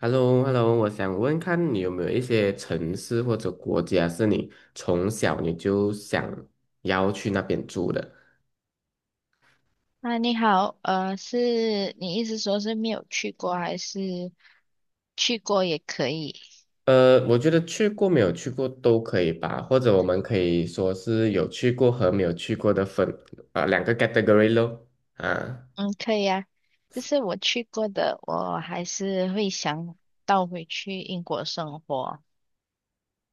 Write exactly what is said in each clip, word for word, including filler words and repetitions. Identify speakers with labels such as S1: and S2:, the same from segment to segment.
S1: h e l l o h e l l o 我想问看你有没有一些城市或者国家是你从小你就想要去那边住的？
S2: 啊，你好，呃，是你意思说是没有去过，还是去过也可以？
S1: 呃，我觉得去过没有去过都可以吧，或者我们可以说是有去过和没有去过的分，呃，两个 category 咯。啊。
S2: 嗯，可以啊。就是我去过的，我还是会想倒回去英国生活。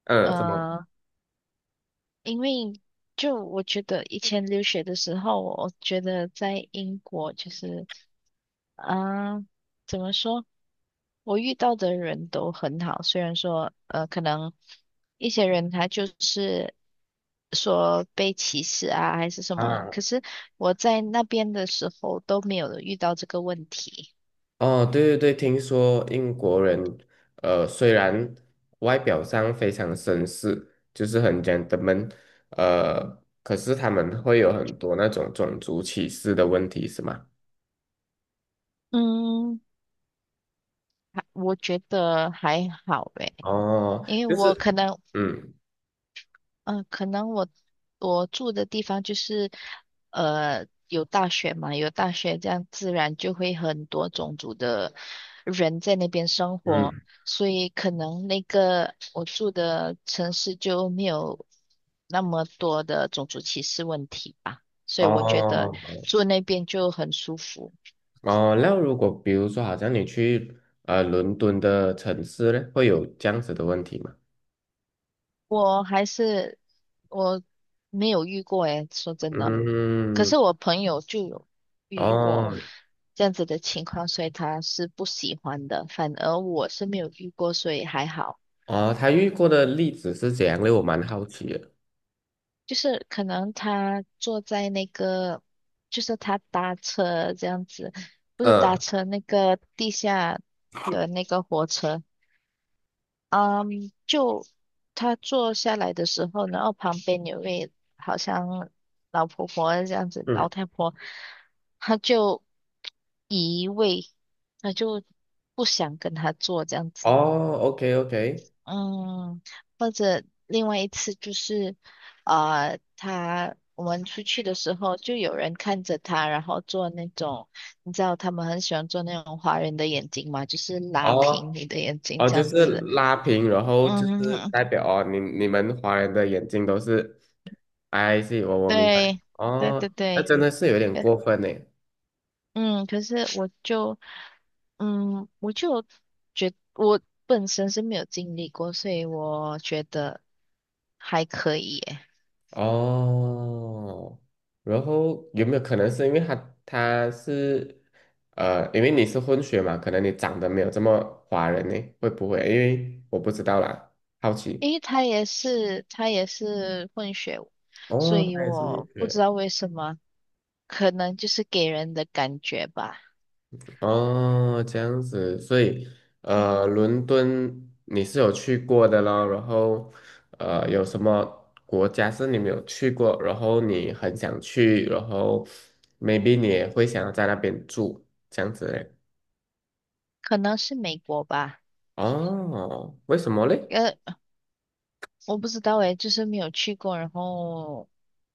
S1: 嗯，什么？
S2: 呃，因为就我觉得以前留学的时候，我觉得在英国就是。啊，怎么说？我遇到的人都很好，虽然说呃，可能一些人他就是说被歧视啊，还是什么，
S1: 啊。
S2: 可是我在那边的时候都没有遇到这个问题。
S1: 哦，对对对，听说英国人，呃，虽然外表上非常绅士，就是很 gentleman，呃，可是他们会有很多那种种族歧视的问题，是吗？
S2: 嗯，还我觉得还好诶，
S1: 哦，
S2: 因为
S1: 就
S2: 我
S1: 是。
S2: 可能
S1: 嗯
S2: 嗯，可能我我住的地方就是，呃，有大学嘛，有大学，这样自然就会很多种族的人在那边生活，
S1: 嗯。
S2: 所以可能那个我住的城市就没有那么多的种族歧视问题吧，所以我觉得
S1: 哦
S2: 住那边就很舒服。
S1: 哦，那如果比如说，好像你去呃伦敦的城市呢，会有这样子的问题吗？
S2: 我还是我没有遇过诶，说真的，可
S1: 嗯。
S2: 是我朋友就有遇过
S1: 哦
S2: 这样子的情况，所以他是不喜欢的。反而我是没有遇过，所以还好。
S1: 哦，他遇过的例子是怎样的？我蛮好奇的。
S2: 就是可能他坐在那个，就是他搭车这样子，不是搭
S1: 嗯。
S2: 车那个地下的那个火车，嗯，就他坐下来的时候，然后旁边有位好像老婆婆这样子，老太婆，她就移位，她就不想跟他坐这样子。
S1: 哦，OK OK。
S2: 嗯，或者另外一次就是，呃，他我们出去的时候，就有人看着他，然后做那种，你知道他们很喜欢做那种华人的眼睛嘛，就是拉平
S1: 哦
S2: 你的眼睛
S1: 哦，
S2: 这
S1: 就
S2: 样
S1: 是
S2: 子。
S1: 拉平，然后就是
S2: 嗯
S1: 代表哦，你你们华人的眼睛都是，I see，我我明白。
S2: 对，对
S1: 哦，
S2: 对
S1: 那
S2: 对，
S1: 真的是有点
S2: 呃
S1: 过分呢。
S2: 嗯，可是我就，嗯，我就觉我本身是没有经历过，所以我觉得还可以耶，
S1: 哦，然后有没有可能是因为他他是，呃，因为你是混血嘛，可能你长得没有这么华人呢？会不会？因为我不知道啦，好奇。
S2: 因为他也是他也是混血，所
S1: 哦，
S2: 以
S1: 他也是混
S2: 我不知
S1: 血。
S2: 道为什么，可能就是给人的感觉吧，
S1: 哦，这样子，所以呃，伦敦你是有去过的咯，然后呃，有什么国家是你没有去过，然后你很想去，然后 maybe 你也会想要在那边住，这样子嘞？
S2: 可能是美国吧，
S1: 哦，为什么嘞？
S2: 呃，我不知道诶，就是没有去过，然后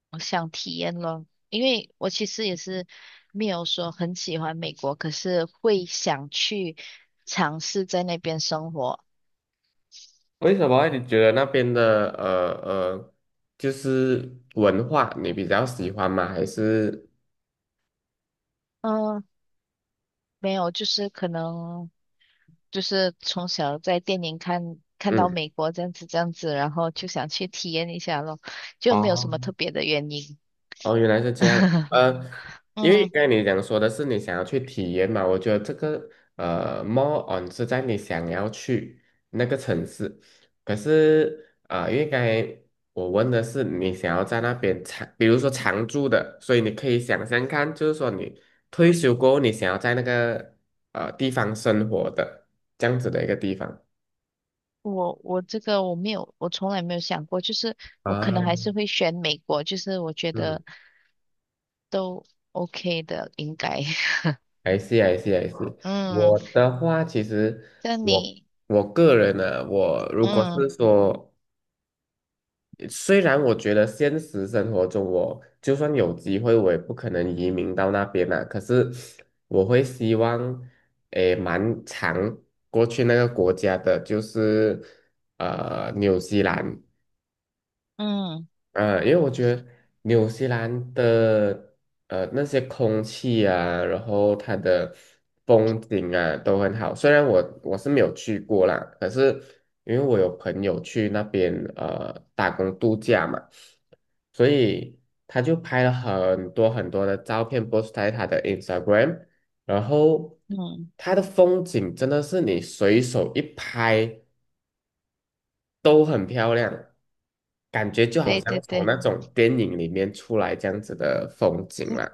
S2: 我想体验咯，因为我其实也是没有说很喜欢美国，可是会想去尝试在那边生活。
S1: 为什么啊你觉得那边的呃呃，就是文化你比较喜欢吗？还是
S2: 嗯，没有，就是可能就是从小在电影看看到
S1: 嗯？
S2: 美国这样子这样子，然后就想去体验一下咯，就没有什
S1: 哦
S2: 么特别的原因。
S1: 哦，原来是这样。呃，因为
S2: 嗯，
S1: 刚才你讲说的是你想要去体验嘛，我觉得这个呃，more on 是在你想要去那个城市，可是啊、呃因为刚才我问的是你想要在那边长，比如说常住的，所以你可以想象看，就是说你退休过后，你想要在那个呃地方生活的这样子的一个地方。
S2: 我我这个我没有，我从来没有想过，就是我可能还
S1: 啊。
S2: 是会选美国，就是我觉
S1: 嗯。
S2: 得都 OK 的，应该。
S1: I see, I s I s
S2: 嗯。
S1: 我的话，其实
S2: 像
S1: 我
S2: 你，
S1: 我个人呢、我如果
S2: 嗯
S1: 是说，虽然我觉得现实生活中我就算有机会，我也不可能移民到那边啦、可是我会希望，诶，蛮长过去那个国家的，就是呃，纽西兰。
S2: 嗯
S1: 呃，因为我觉得纽西兰的呃那些空气啊，然后它的风景啊都很好。虽然我我是没有去过啦，可是因为我有朋友去那边呃打工度假嘛，所以他就拍了很多很多的照片，post 在他的 Instagram，然后
S2: 嗯，
S1: 他的风景真的是你随手一拍。都很漂亮，感觉就好
S2: 对
S1: 像
S2: 对
S1: 从
S2: 对
S1: 那哦种电影里面出来这样子的风景啦。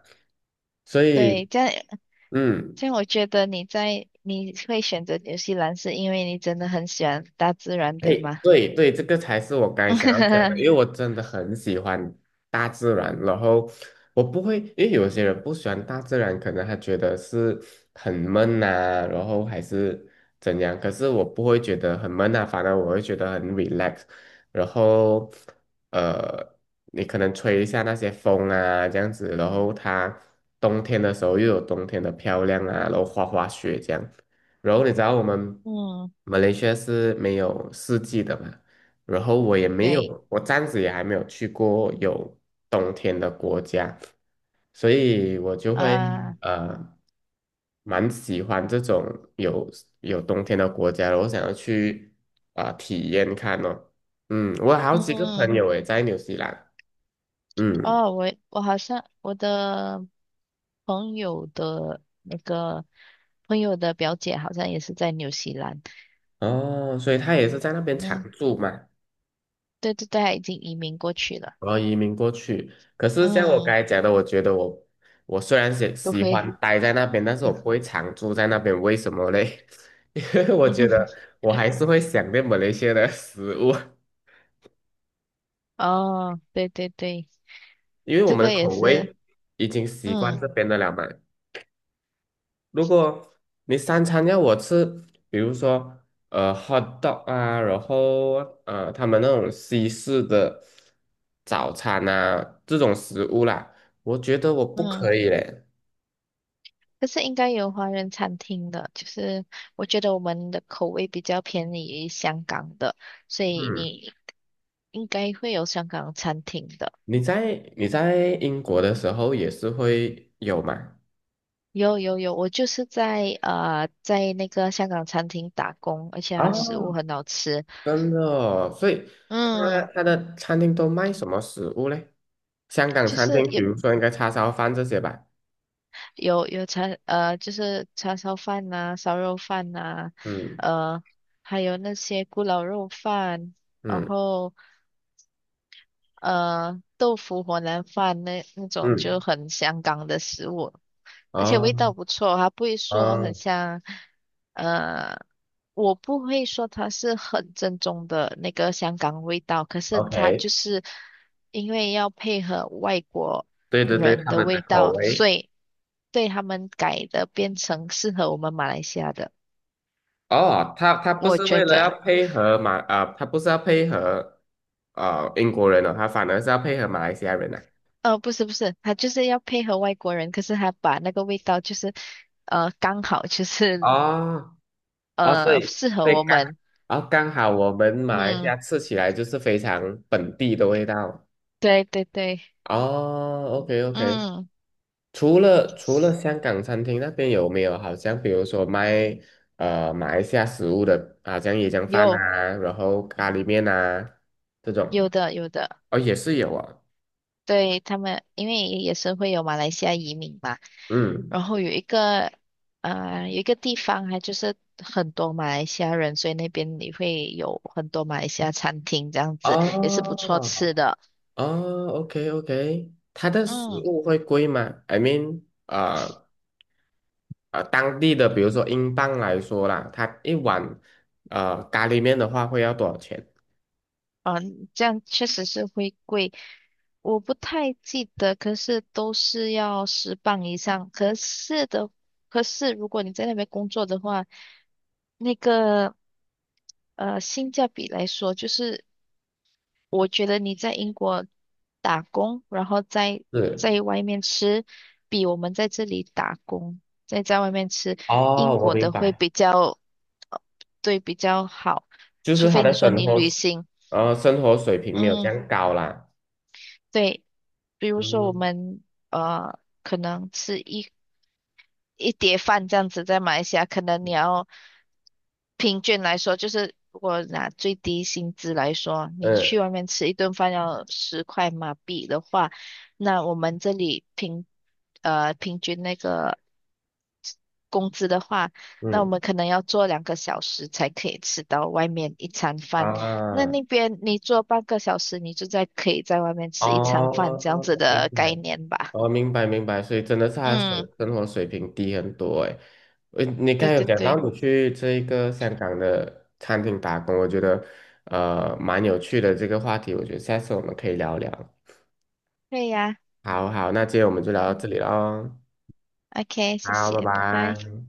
S1: 所以，
S2: 对，这样
S1: 嗯。
S2: 这样，我觉得你在你会选择纽西兰，是因为你真的很喜欢大自然，对
S1: 嘿，
S2: 吗？
S1: 对对，这个才是我刚才想要讲的，因 为我真的很喜欢大自然，然后我不会，因为有些人不喜欢大自然，可能他觉得是很闷呐、然后还是怎样，可是我不会觉得很闷啊，反而我会觉得很 relax，然后呃，你可能吹一下那些风啊，这样子，然后它冬天的时候又有冬天的漂亮啊，然后滑滑雪这样。然后你知道我们
S2: 嗯，
S1: 马来西亚是没有四季的嘛，然后我也没
S2: 对
S1: 有，我暂时也还没有去过有冬天的国家，所以我就会
S2: 啊，
S1: 嗯呃蛮喜欢这种有有冬天的国家的，我想要去啊、呃体验看哦。嗯，我有好几个
S2: 嗯，
S1: 朋友也在纽西兰。嗯。
S2: 哦，我我好像我的朋友的那个朋友的表姐好像也是在纽西兰，
S1: 哦，所以他也是在那边
S2: 嗯，
S1: 常住嘛。
S2: 对对对，她已经移民过去了，
S1: 我要移民过去。可是像我刚
S2: 嗯，
S1: 才讲的，我觉得我我虽然喜
S2: 不
S1: 喜欢
S2: 会，
S1: 待在那边，但是我不 会常住在那边。为什么嘞？因为我觉得
S2: 嗯，
S1: 我还是会想念马来西亚的食物，
S2: 哦，对对对，
S1: 因为我
S2: 这
S1: 们的
S2: 个也
S1: 口
S2: 是。
S1: 味已经习惯
S2: 嗯
S1: 这边的了嘛。如果你三餐要我吃，比如说呃 hot dog 啊，然后呃他们那种西式的早餐啊这种食物啦，我觉得我不
S2: 嗯，
S1: 可以嘞。
S2: 可是应该有华人餐厅的，就是我觉得我们的口味比较偏离于香港的，所以
S1: 嗯。
S2: 你应该会有香港餐厅的。
S1: 你在你在英国的时候也是会有吗？
S2: 有有有，我就是在呃在那个香港餐厅打工，而且它食物
S1: 哦，
S2: 很好吃。
S1: 真的哦，所以他
S2: 嗯，
S1: 他的餐厅都卖什么食物嘞？香港
S2: 就
S1: 餐
S2: 是
S1: 厅，比
S2: 有
S1: 如说应该叉烧饭这些吧。
S2: 有有叉呃就是叉烧饭呐、烧肉饭呐、
S1: 嗯
S2: 呃还有那些咕咾肉饭，然
S1: 嗯
S2: 后。呃，豆腐火腩饭那那种就
S1: 嗯。
S2: 很香港的食物，而且
S1: 哦
S2: 味道不错，它不会说很
S1: 哦
S2: 像，呃，我不会说它是很正宗的那个香港味道，可是它
S1: ，OK，
S2: 就是因为要配合外国
S1: 对对对，
S2: 人
S1: 他
S2: 的
S1: 们的
S2: 味
S1: 口
S2: 道，所
S1: 味。
S2: 以对他们改的变成适合我们马来西亚的，
S1: 哦，他他不
S2: 我
S1: 是
S2: 觉
S1: 为了要
S2: 得。
S1: 配合马啊、他不是要配合呃英国人哦，他反而是要配合马来西亚人呐、
S2: 呃，不是不是，他就是要配合外国人，可是他把那个味道就是，呃，刚好就
S1: 啊。
S2: 是
S1: 哦哦，所
S2: 呃，
S1: 以
S2: 适合
S1: 所以
S2: 我
S1: 刚，
S2: 们。
S1: 哦刚好我们马来西
S2: 嗯，
S1: 亚吃起来就是非常本地的味道。
S2: 对对对，
S1: 哦，OK OK，
S2: 嗯，
S1: 除了除了香港餐厅那边有没有好像比如说卖呃马来西亚食物的，好像椰浆饭
S2: 有
S1: 啊，然后咖喱面啊这种，
S2: 有的有的，
S1: 哦也是有啊。
S2: 对他们，因为也是会有马来西亚移民嘛，
S1: 嗯。
S2: 然后有一个呃有一个地方还就是很多马来西亚人，所以那边你会有很多马来西亚餐厅这样子，也是不错
S1: 哦
S2: 吃的。
S1: 哦，OK OK，它的食
S2: 嗯，
S1: 物会贵吗？I mean，啊、呃当地的，比如说英镑来说啦，它一碗呃咖喱面的话会要多少钱？
S2: 嗯，这样确实是会贵。我不太记得，可是都是要十磅以上。可是的，可是如果你在那边工作的话，那个呃性价比来说，就是我觉得你在英国打工，然后在
S1: 是
S2: 在外面吃，比我们在这里打工再在外面吃，英
S1: 哦，我
S2: 国
S1: 明
S2: 的会
S1: 白，
S2: 比较，呃对，比较好，
S1: 就是
S2: 除
S1: 他
S2: 非你
S1: 的
S2: 说
S1: 生
S2: 你
S1: 活，
S2: 旅行。
S1: 呃，生活水平没有这
S2: 嗯，
S1: 样高啦。
S2: 对，比如说我
S1: 嗯
S2: 们呃，可能吃一一碟饭这样子，在马来西亚可能你要平均来说，就是如果拿最低薪资来说，你去
S1: 嗯
S2: 外面吃一顿饭要十块马币的话，那我们这里平呃平均那个工资的话，那我
S1: 嗯
S2: 们可能要做两个小时才可以吃到外面一餐饭。那
S1: 啊。
S2: 那边你做半个小时，你就在可以在外面吃一餐饭这样子
S1: 哦，明
S2: 的概
S1: 白，
S2: 念吧？
S1: 哦，明白明白，所以真的是他的生
S2: 嗯，
S1: 生活水平低很多诶。呃，你刚
S2: 对
S1: 才有
S2: 对
S1: 讲到
S2: 对，
S1: 你去这一个香港的餐厅打工，我觉得呃蛮有趣的这个话题，我觉得下次我们可以聊聊。
S2: 对呀。
S1: 好好，那今天我们就聊到这里喽。
S2: OK，谢
S1: 好，
S2: 谢，
S1: 拜
S2: 拜拜。
S1: 拜。